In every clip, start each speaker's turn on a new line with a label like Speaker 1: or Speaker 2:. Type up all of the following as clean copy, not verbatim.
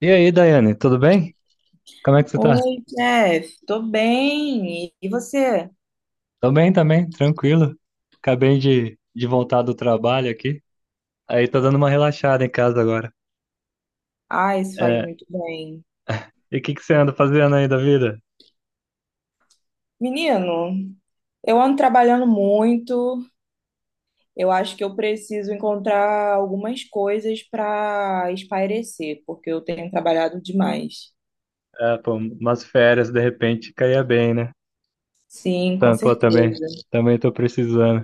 Speaker 1: E aí, Daiane, tudo bem? Como é que você tá?
Speaker 2: Oi, Jeff, tô bem. E você?
Speaker 1: Tô bem também, tranquilo. Acabei de voltar do trabalho aqui. Aí tô dando uma relaxada em casa agora.
Speaker 2: Ah, isso faz
Speaker 1: É,
Speaker 2: muito bem.
Speaker 1: e o que que você anda fazendo aí da vida?
Speaker 2: Menino, eu ando trabalhando muito. Eu acho que eu preciso encontrar algumas coisas para espairecer, porque eu tenho trabalhado demais.
Speaker 1: É, pô, umas férias de repente caía bem, né?
Speaker 2: Sim, com
Speaker 1: Tá, pô,
Speaker 2: certeza.
Speaker 1: também tô precisando.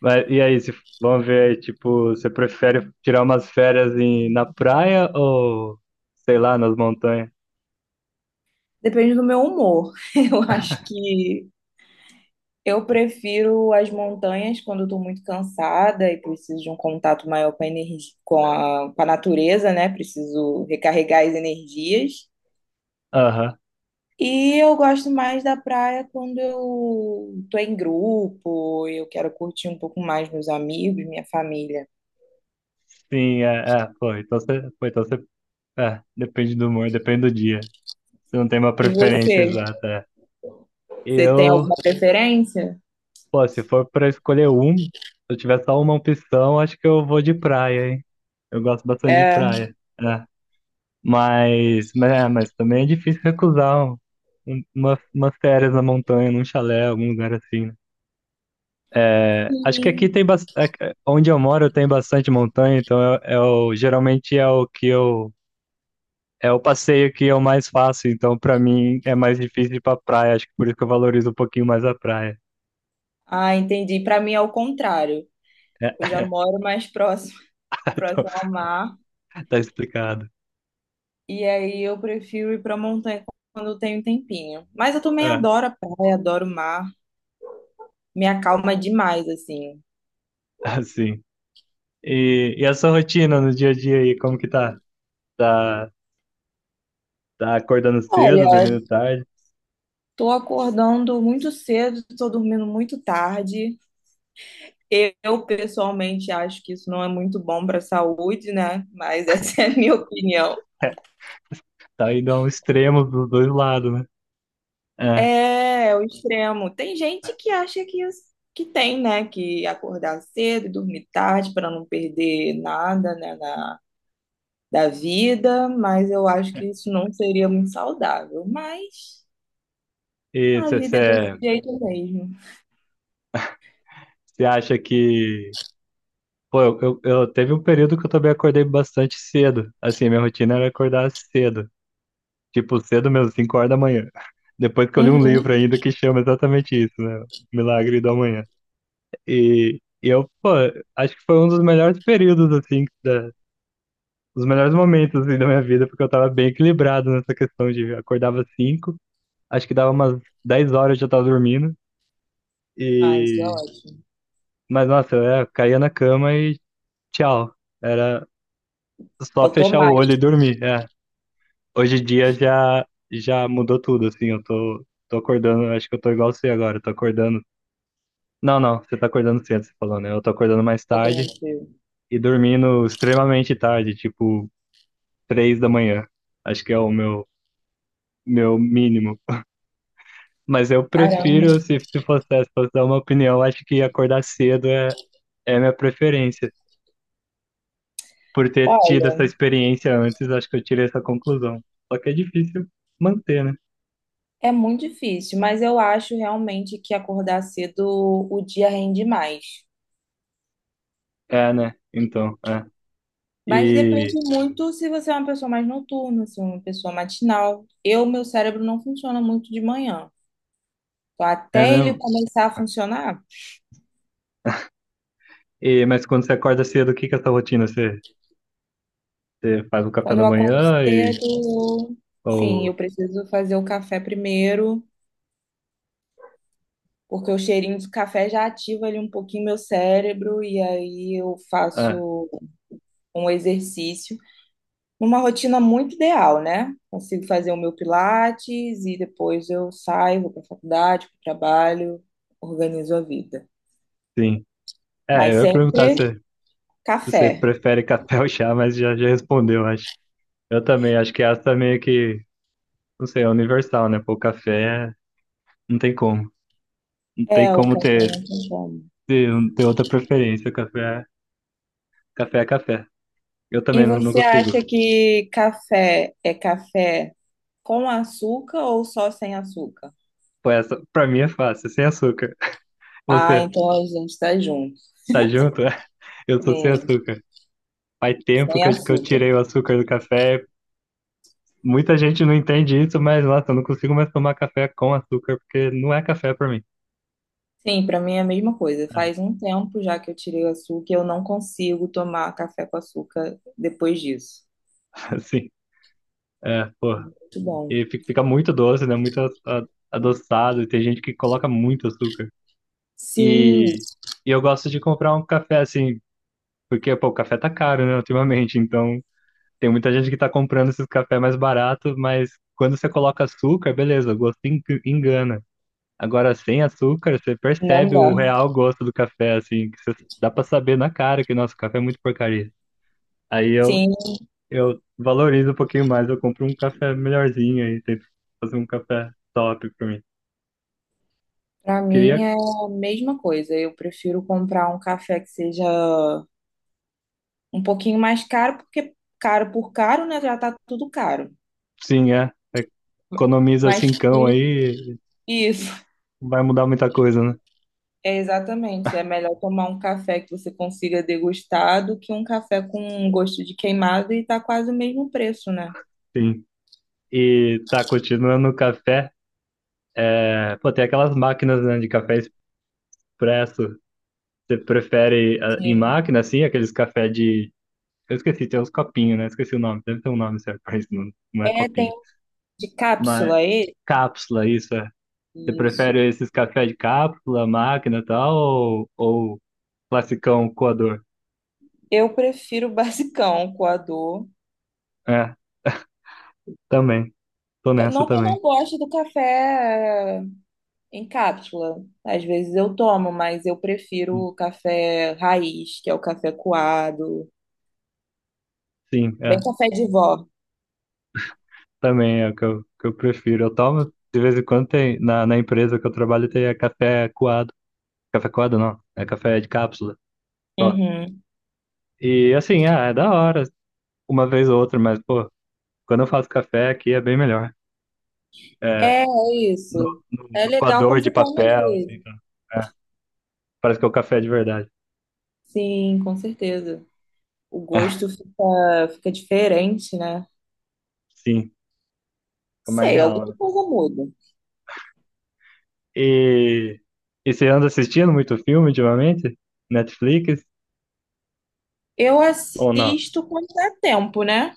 Speaker 1: Mas e aí, se, vamos ver aí, tipo, você prefere tirar umas férias na praia ou, sei lá, nas montanhas?
Speaker 2: Depende do meu humor. Eu acho que eu prefiro as montanhas quando eu tô muito cansada e preciso de um contato maior com a energia, com a natureza, né? Preciso recarregar as energias.
Speaker 1: Aham.
Speaker 2: E eu gosto mais da praia quando eu tô em grupo, eu quero curtir um pouco mais meus amigos, minha família.
Speaker 1: Sim, pô, então você, é, depende do humor, depende do dia. Você não tem uma
Speaker 2: E
Speaker 1: preferência
Speaker 2: você?
Speaker 1: exata. É.
Speaker 2: Você tem
Speaker 1: Eu,
Speaker 2: alguma preferência?
Speaker 1: pô, se for pra escolher um, se eu tiver só uma opção, acho que eu vou de praia, hein? Eu gosto bastante de
Speaker 2: É.
Speaker 1: praia. É. Mas, é, mas também é difícil recusar umas férias na montanha, num chalé, algum lugar assim, né? É, acho que aqui
Speaker 2: Sim.
Speaker 1: tem bastante. Onde eu moro tem bastante montanha, então geralmente é o que eu. É o passeio que eu mais faço, então pra mim é mais difícil ir pra praia, acho que por isso que eu valorizo um pouquinho mais a praia.
Speaker 2: Ah, entendi. Para mim é o contrário. Eu já moro mais próximo,
Speaker 1: Então,
Speaker 2: próximo ao mar,
Speaker 1: tá explicado.
Speaker 2: e aí eu prefiro ir pra montanha quando eu tenho um tempinho. Mas eu também
Speaker 1: É,
Speaker 2: adoro a praia, adoro o mar. Me acalma demais, assim.
Speaker 1: assim. E, a sua rotina no dia a dia aí, como que tá? Tá, tá, acordando
Speaker 2: Olha,
Speaker 1: cedo, dormindo tarde?
Speaker 2: tô acordando muito cedo, tô dormindo muito tarde. Eu pessoalmente acho que isso não é muito bom para a saúde, né? Mas essa é a minha opinião.
Speaker 1: Tá indo a um extremo dos dois lados, né? É.
Speaker 2: É, é o extremo. Tem gente que acha que, que tem, né? Que acordar cedo, e dormir tarde para não perder nada, né? Da vida, mas eu acho que isso não seria muito saudável. Mas
Speaker 1: E
Speaker 2: a vida é desse
Speaker 1: você
Speaker 2: jeito mesmo.
Speaker 1: acha que. Pô, teve um período que eu também acordei bastante cedo. Assim, minha rotina era acordar cedo. Tipo, cedo mesmo, 5 horas da manhã. Depois que eu li um livro
Speaker 2: Uhum.
Speaker 1: ainda que chama exatamente isso, né? Milagre da Manhã. E, eu, pô, acho que foi um dos melhores períodos, assim, os melhores momentos, assim, da minha vida, porque eu tava bem equilibrado nessa questão de acordava às 5, acho que dava umas 10 horas eu já tava dormindo,
Speaker 2: Ah, isso é
Speaker 1: e...
Speaker 2: ótimo.
Speaker 1: Mas, nossa, eu caía na cama e tchau. Era só fechar o olho e
Speaker 2: Automático
Speaker 1: dormir, é. Hoje em dia já, mudou tudo, assim, eu tô, acordando, acho que eu tô igual você agora, eu tô acordando... Não, não, você tá acordando cedo, você falou, né? Eu tô acordando mais tarde
Speaker 2: aconteceu.
Speaker 1: e dormindo extremamente tarde, tipo 3 da manhã. Acho que é o meu mínimo. Mas eu
Speaker 2: Caramba.
Speaker 1: prefiro, se fosse dar uma opinião, acho que acordar cedo é a minha preferência. Por ter tido essa
Speaker 2: Olha.
Speaker 1: experiência antes, acho que eu tirei essa conclusão. Só que é difícil manter, né?
Speaker 2: É muito difícil, mas eu acho realmente que acordar cedo o dia rende mais.
Speaker 1: É, né? Então, é.
Speaker 2: Mas depende
Speaker 1: E
Speaker 2: muito se você é uma pessoa mais noturna, se é uma pessoa matinal. Eu, meu cérebro não funciona muito de manhã. Então,
Speaker 1: é
Speaker 2: até ele
Speaker 1: mesmo.
Speaker 2: começar a funcionar,
Speaker 1: Mas quando você acorda cedo, o que que é essa rotina? Você faz o café
Speaker 2: quando
Speaker 1: da
Speaker 2: eu acordo
Speaker 1: manhã e.
Speaker 2: cedo, sim, eu
Speaker 1: Ou.
Speaker 2: preciso fazer o café primeiro, porque o cheirinho do café já ativa ali um pouquinho meu cérebro, e aí eu
Speaker 1: Ah,
Speaker 2: faço um exercício numa rotina muito ideal, né? Consigo fazer o meu pilates e depois eu saio, vou para a faculdade, para o trabalho, organizo a vida.
Speaker 1: sim. É,
Speaker 2: Mas
Speaker 1: eu ia perguntar
Speaker 2: sempre
Speaker 1: se você
Speaker 2: café.
Speaker 1: prefere café ou chá, mas já respondeu, acho. Eu também, acho que essa é meio que, não sei, é universal, né? Pô, café é- não tem como. Não tem
Speaker 2: É, o
Speaker 1: como
Speaker 2: café não tem como.
Speaker 1: ter, ter outra preferência. Café, é- café é café. Eu
Speaker 2: E
Speaker 1: também não, não
Speaker 2: você
Speaker 1: consigo.
Speaker 2: acha que café é café com açúcar ou só sem açúcar?
Speaker 1: Pô, essa pra mim é fácil, é sem açúcar.
Speaker 2: Ah,
Speaker 1: Você
Speaker 2: então a gente está junto.
Speaker 1: tá junto? Eu sou sem
Speaker 2: Sim,
Speaker 1: açúcar. Faz tempo
Speaker 2: sem
Speaker 1: que eu
Speaker 2: açúcar.
Speaker 1: tirei o açúcar do café. Muita gente não entende isso, mas nossa, eu não consigo mais tomar café com açúcar, porque não é café pra mim.
Speaker 2: Sim, para mim é a mesma coisa.
Speaker 1: É,
Speaker 2: Faz um tempo já que eu tirei o açúcar e eu não consigo tomar café com açúcar depois disso.
Speaker 1: assim, é, pô.
Speaker 2: Muito bom.
Speaker 1: E fica muito doce, né? Muito a- adoçado, e tem gente que coloca muito açúcar.
Speaker 2: Sim,
Speaker 1: E, e, eu gosto de comprar um café assim, porque pô, o café tá caro, né, ultimamente. Então tem muita gente que tá comprando esses cafés mais baratos, mas quando você coloca açúcar, beleza, o gosto engana. Agora, sem açúcar, você
Speaker 2: não
Speaker 1: percebe
Speaker 2: dá.
Speaker 1: o real gosto do café, assim, que você, dá pra saber na cara que nosso café é muito porcaria. Aí eu,
Speaker 2: Sim,
Speaker 1: eu valorizo um pouquinho mais, eu compro um café melhorzinho aí, tento fazer um café top pra mim.
Speaker 2: pra
Speaker 1: Queria,
Speaker 2: mim é a mesma coisa. Eu prefiro comprar um café que seja um pouquinho mais caro, porque caro por caro, né? Já tá tudo caro.
Speaker 1: sim, é. É economiza
Speaker 2: Mas
Speaker 1: cincão
Speaker 2: que-
Speaker 1: aí.
Speaker 2: isso,
Speaker 1: Não vai mudar muita coisa, né?
Speaker 2: é exatamente. É melhor tomar um café que você consiga degustar do que um café com um gosto de queimado e tá quase o mesmo preço, né?
Speaker 1: Sim. E tá continuando o café. É, pô, tem aquelas máquinas, né, de café expresso. Você prefere em
Speaker 2: Sim.
Speaker 1: máquina, assim, aqueles café de. Eu esqueci, tem uns copinhos, né? Esqueci o nome. Deve ter um nome certo pra isso, não, não é
Speaker 2: É, tem
Speaker 1: copinho.
Speaker 2: um de
Speaker 1: Mas
Speaker 2: cápsula esse?
Speaker 1: cápsula, isso é. Você
Speaker 2: Isso.
Speaker 1: prefere esses café de cápsula, máquina e tal, ou classicão coador?
Speaker 2: Eu prefiro o basicão, o coador.
Speaker 1: É, também. Tô nessa
Speaker 2: Não que eu
Speaker 1: também.
Speaker 2: não goste do café em cápsula. Às vezes eu tomo, mas eu prefiro o café raiz, que é o café coado,
Speaker 1: Sim,
Speaker 2: bem
Speaker 1: é.
Speaker 2: café de vó.
Speaker 1: Também é o que que eu prefiro. Eu tomo, de vez em quando tem, na empresa que eu trabalho tem é café coado. Café coado não, é café de cápsula só.
Speaker 2: Uhum.
Speaker 1: E assim, ah, é da hora, uma vez ou outra, mas pô, quando eu faço café aqui é bem melhor. É,
Speaker 2: É, é isso.
Speaker 1: no, no,
Speaker 2: É
Speaker 1: no
Speaker 2: legal
Speaker 1: coador
Speaker 2: quando
Speaker 1: de
Speaker 2: você toma às
Speaker 1: papel, assim,
Speaker 2: vezes.
Speaker 1: tá? É, parece que é o café de verdade.
Speaker 2: Sim, com certeza. O gosto fica, fica diferente, né?
Speaker 1: Sim, fica mais
Speaker 2: Sei,
Speaker 1: real,
Speaker 2: alguma
Speaker 1: né?
Speaker 2: coisa muda.
Speaker 1: E, e, você anda assistindo muito filme ultimamente? Netflix
Speaker 2: Eu
Speaker 1: ou não?
Speaker 2: assisto quando dá tempo, né?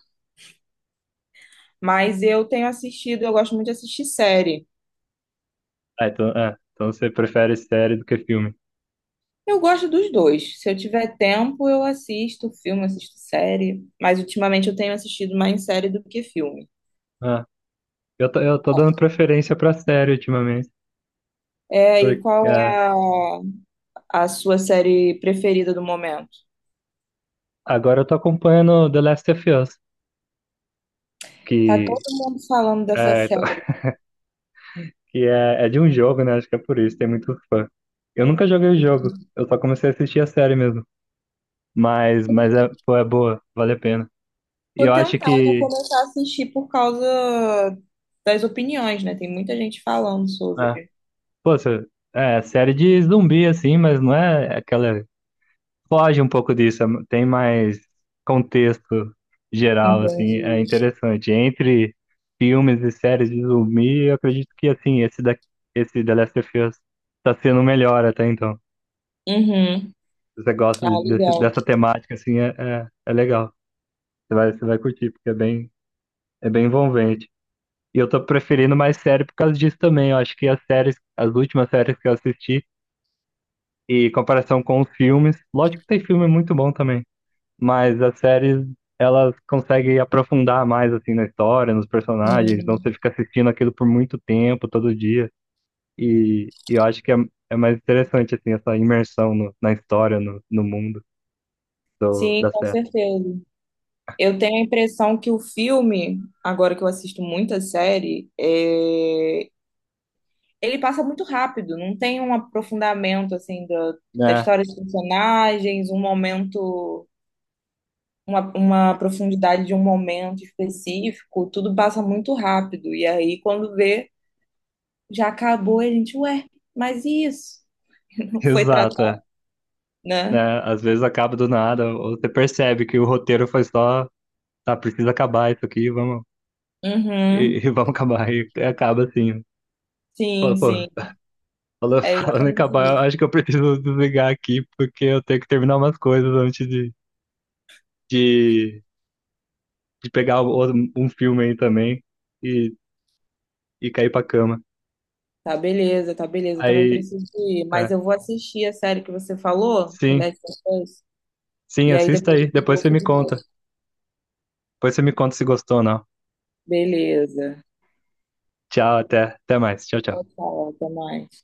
Speaker 2: Mas eu tenho assistido, eu gosto muito de assistir série.
Speaker 1: Ah, então você prefere série do que filme.
Speaker 2: Eu gosto dos dois. Se eu tiver tempo, eu assisto filme, assisto série. Mas ultimamente eu tenho assistido mais série do que filme.
Speaker 1: Ah, eu tô dando preferência pra série ultimamente.
Speaker 2: É, e qual
Speaker 1: É,
Speaker 2: é a sua série preferida do momento?
Speaker 1: agora eu tô acompanhando The Last of Us,
Speaker 2: Tá todo
Speaker 1: que
Speaker 2: mundo falando dessa
Speaker 1: é, tô-
Speaker 2: série.
Speaker 1: que é de um jogo, né? Acho que é por isso, tem muito fã. Eu nunca joguei o jogo, eu só comecei a assistir a série mesmo. Mas, é, pô, é boa, vale a pena. E
Speaker 2: Tô
Speaker 1: eu acho
Speaker 2: tentada a
Speaker 1: que,
Speaker 2: começar a assistir por causa das opiniões, né? Tem muita gente falando
Speaker 1: é,
Speaker 2: sobre.
Speaker 1: pô, é série de zumbi, assim, mas não é aquela foge um pouco disso, tem mais contexto geral, assim, é
Speaker 2: Entendi.
Speaker 1: interessante. Entre filmes e séries de zumbi, eu acredito que, assim, esse The Last of Us tá sendo o melhor até então.
Speaker 2: Uhum.
Speaker 1: Se você gosta
Speaker 2: Ah, legal.
Speaker 1: dessa temática, assim, é legal. Você vai curtir, porque é bem envolvente. E eu tô preferindo mais série por causa disso também. Eu acho que as séries, as últimas séries que eu assisti, e em comparação com os filmes, lógico que tem filme muito bom também. Mas as séries elas conseguem aprofundar mais assim na história, nos personagens, então
Speaker 2: Sim,
Speaker 1: você fica assistindo aquilo por muito tempo, todo dia, e eu acho que é mais interessante assim essa imersão na história, no mundo
Speaker 2: Sim,
Speaker 1: da
Speaker 2: com
Speaker 1: série.
Speaker 2: certeza. Eu tenho a impressão que o filme, agora que eu assisto muita série, é, ele passa muito rápido, não tem um aprofundamento assim da, da
Speaker 1: É,
Speaker 2: história dos personagens, um momento, uma profundidade de um momento específico, tudo passa muito rápido. E aí, quando vê, já acabou, e a gente, ué, mas e isso? Foi
Speaker 1: exato,
Speaker 2: tratado,
Speaker 1: é.
Speaker 2: né?
Speaker 1: Né? Às vezes acaba do nada, ou você percebe que o roteiro foi só, tá, precisa acabar isso aqui, vamos, e,
Speaker 2: Uhum.
Speaker 1: e vamos acabar, e acaba assim.
Speaker 2: Sim,
Speaker 1: Pô, pô,
Speaker 2: sim,
Speaker 1: Falando,
Speaker 2: é
Speaker 1: falando em acabar, eu
Speaker 2: exatamente.
Speaker 1: acho que eu preciso desligar aqui, porque eu tenho que terminar umas coisas antes de, de pegar um filme aí também e, e cair pra cama.
Speaker 2: Tá beleza, tá beleza. Eu também
Speaker 1: Aí,
Speaker 2: preciso ir,
Speaker 1: é,
Speaker 2: mas eu vou assistir a série que você falou, The
Speaker 1: sim,
Speaker 2: Last of Us,
Speaker 1: sim,
Speaker 2: e aí
Speaker 1: assista
Speaker 2: depois eu
Speaker 1: aí.
Speaker 2: te dou
Speaker 1: Depois
Speaker 2: o
Speaker 1: você me conta.
Speaker 2: feedback.
Speaker 1: Depois você me conta se gostou ou não.
Speaker 2: Beleza.
Speaker 1: Tchau, até mais. Tchau, tchau.
Speaker 2: Tchau, até mais.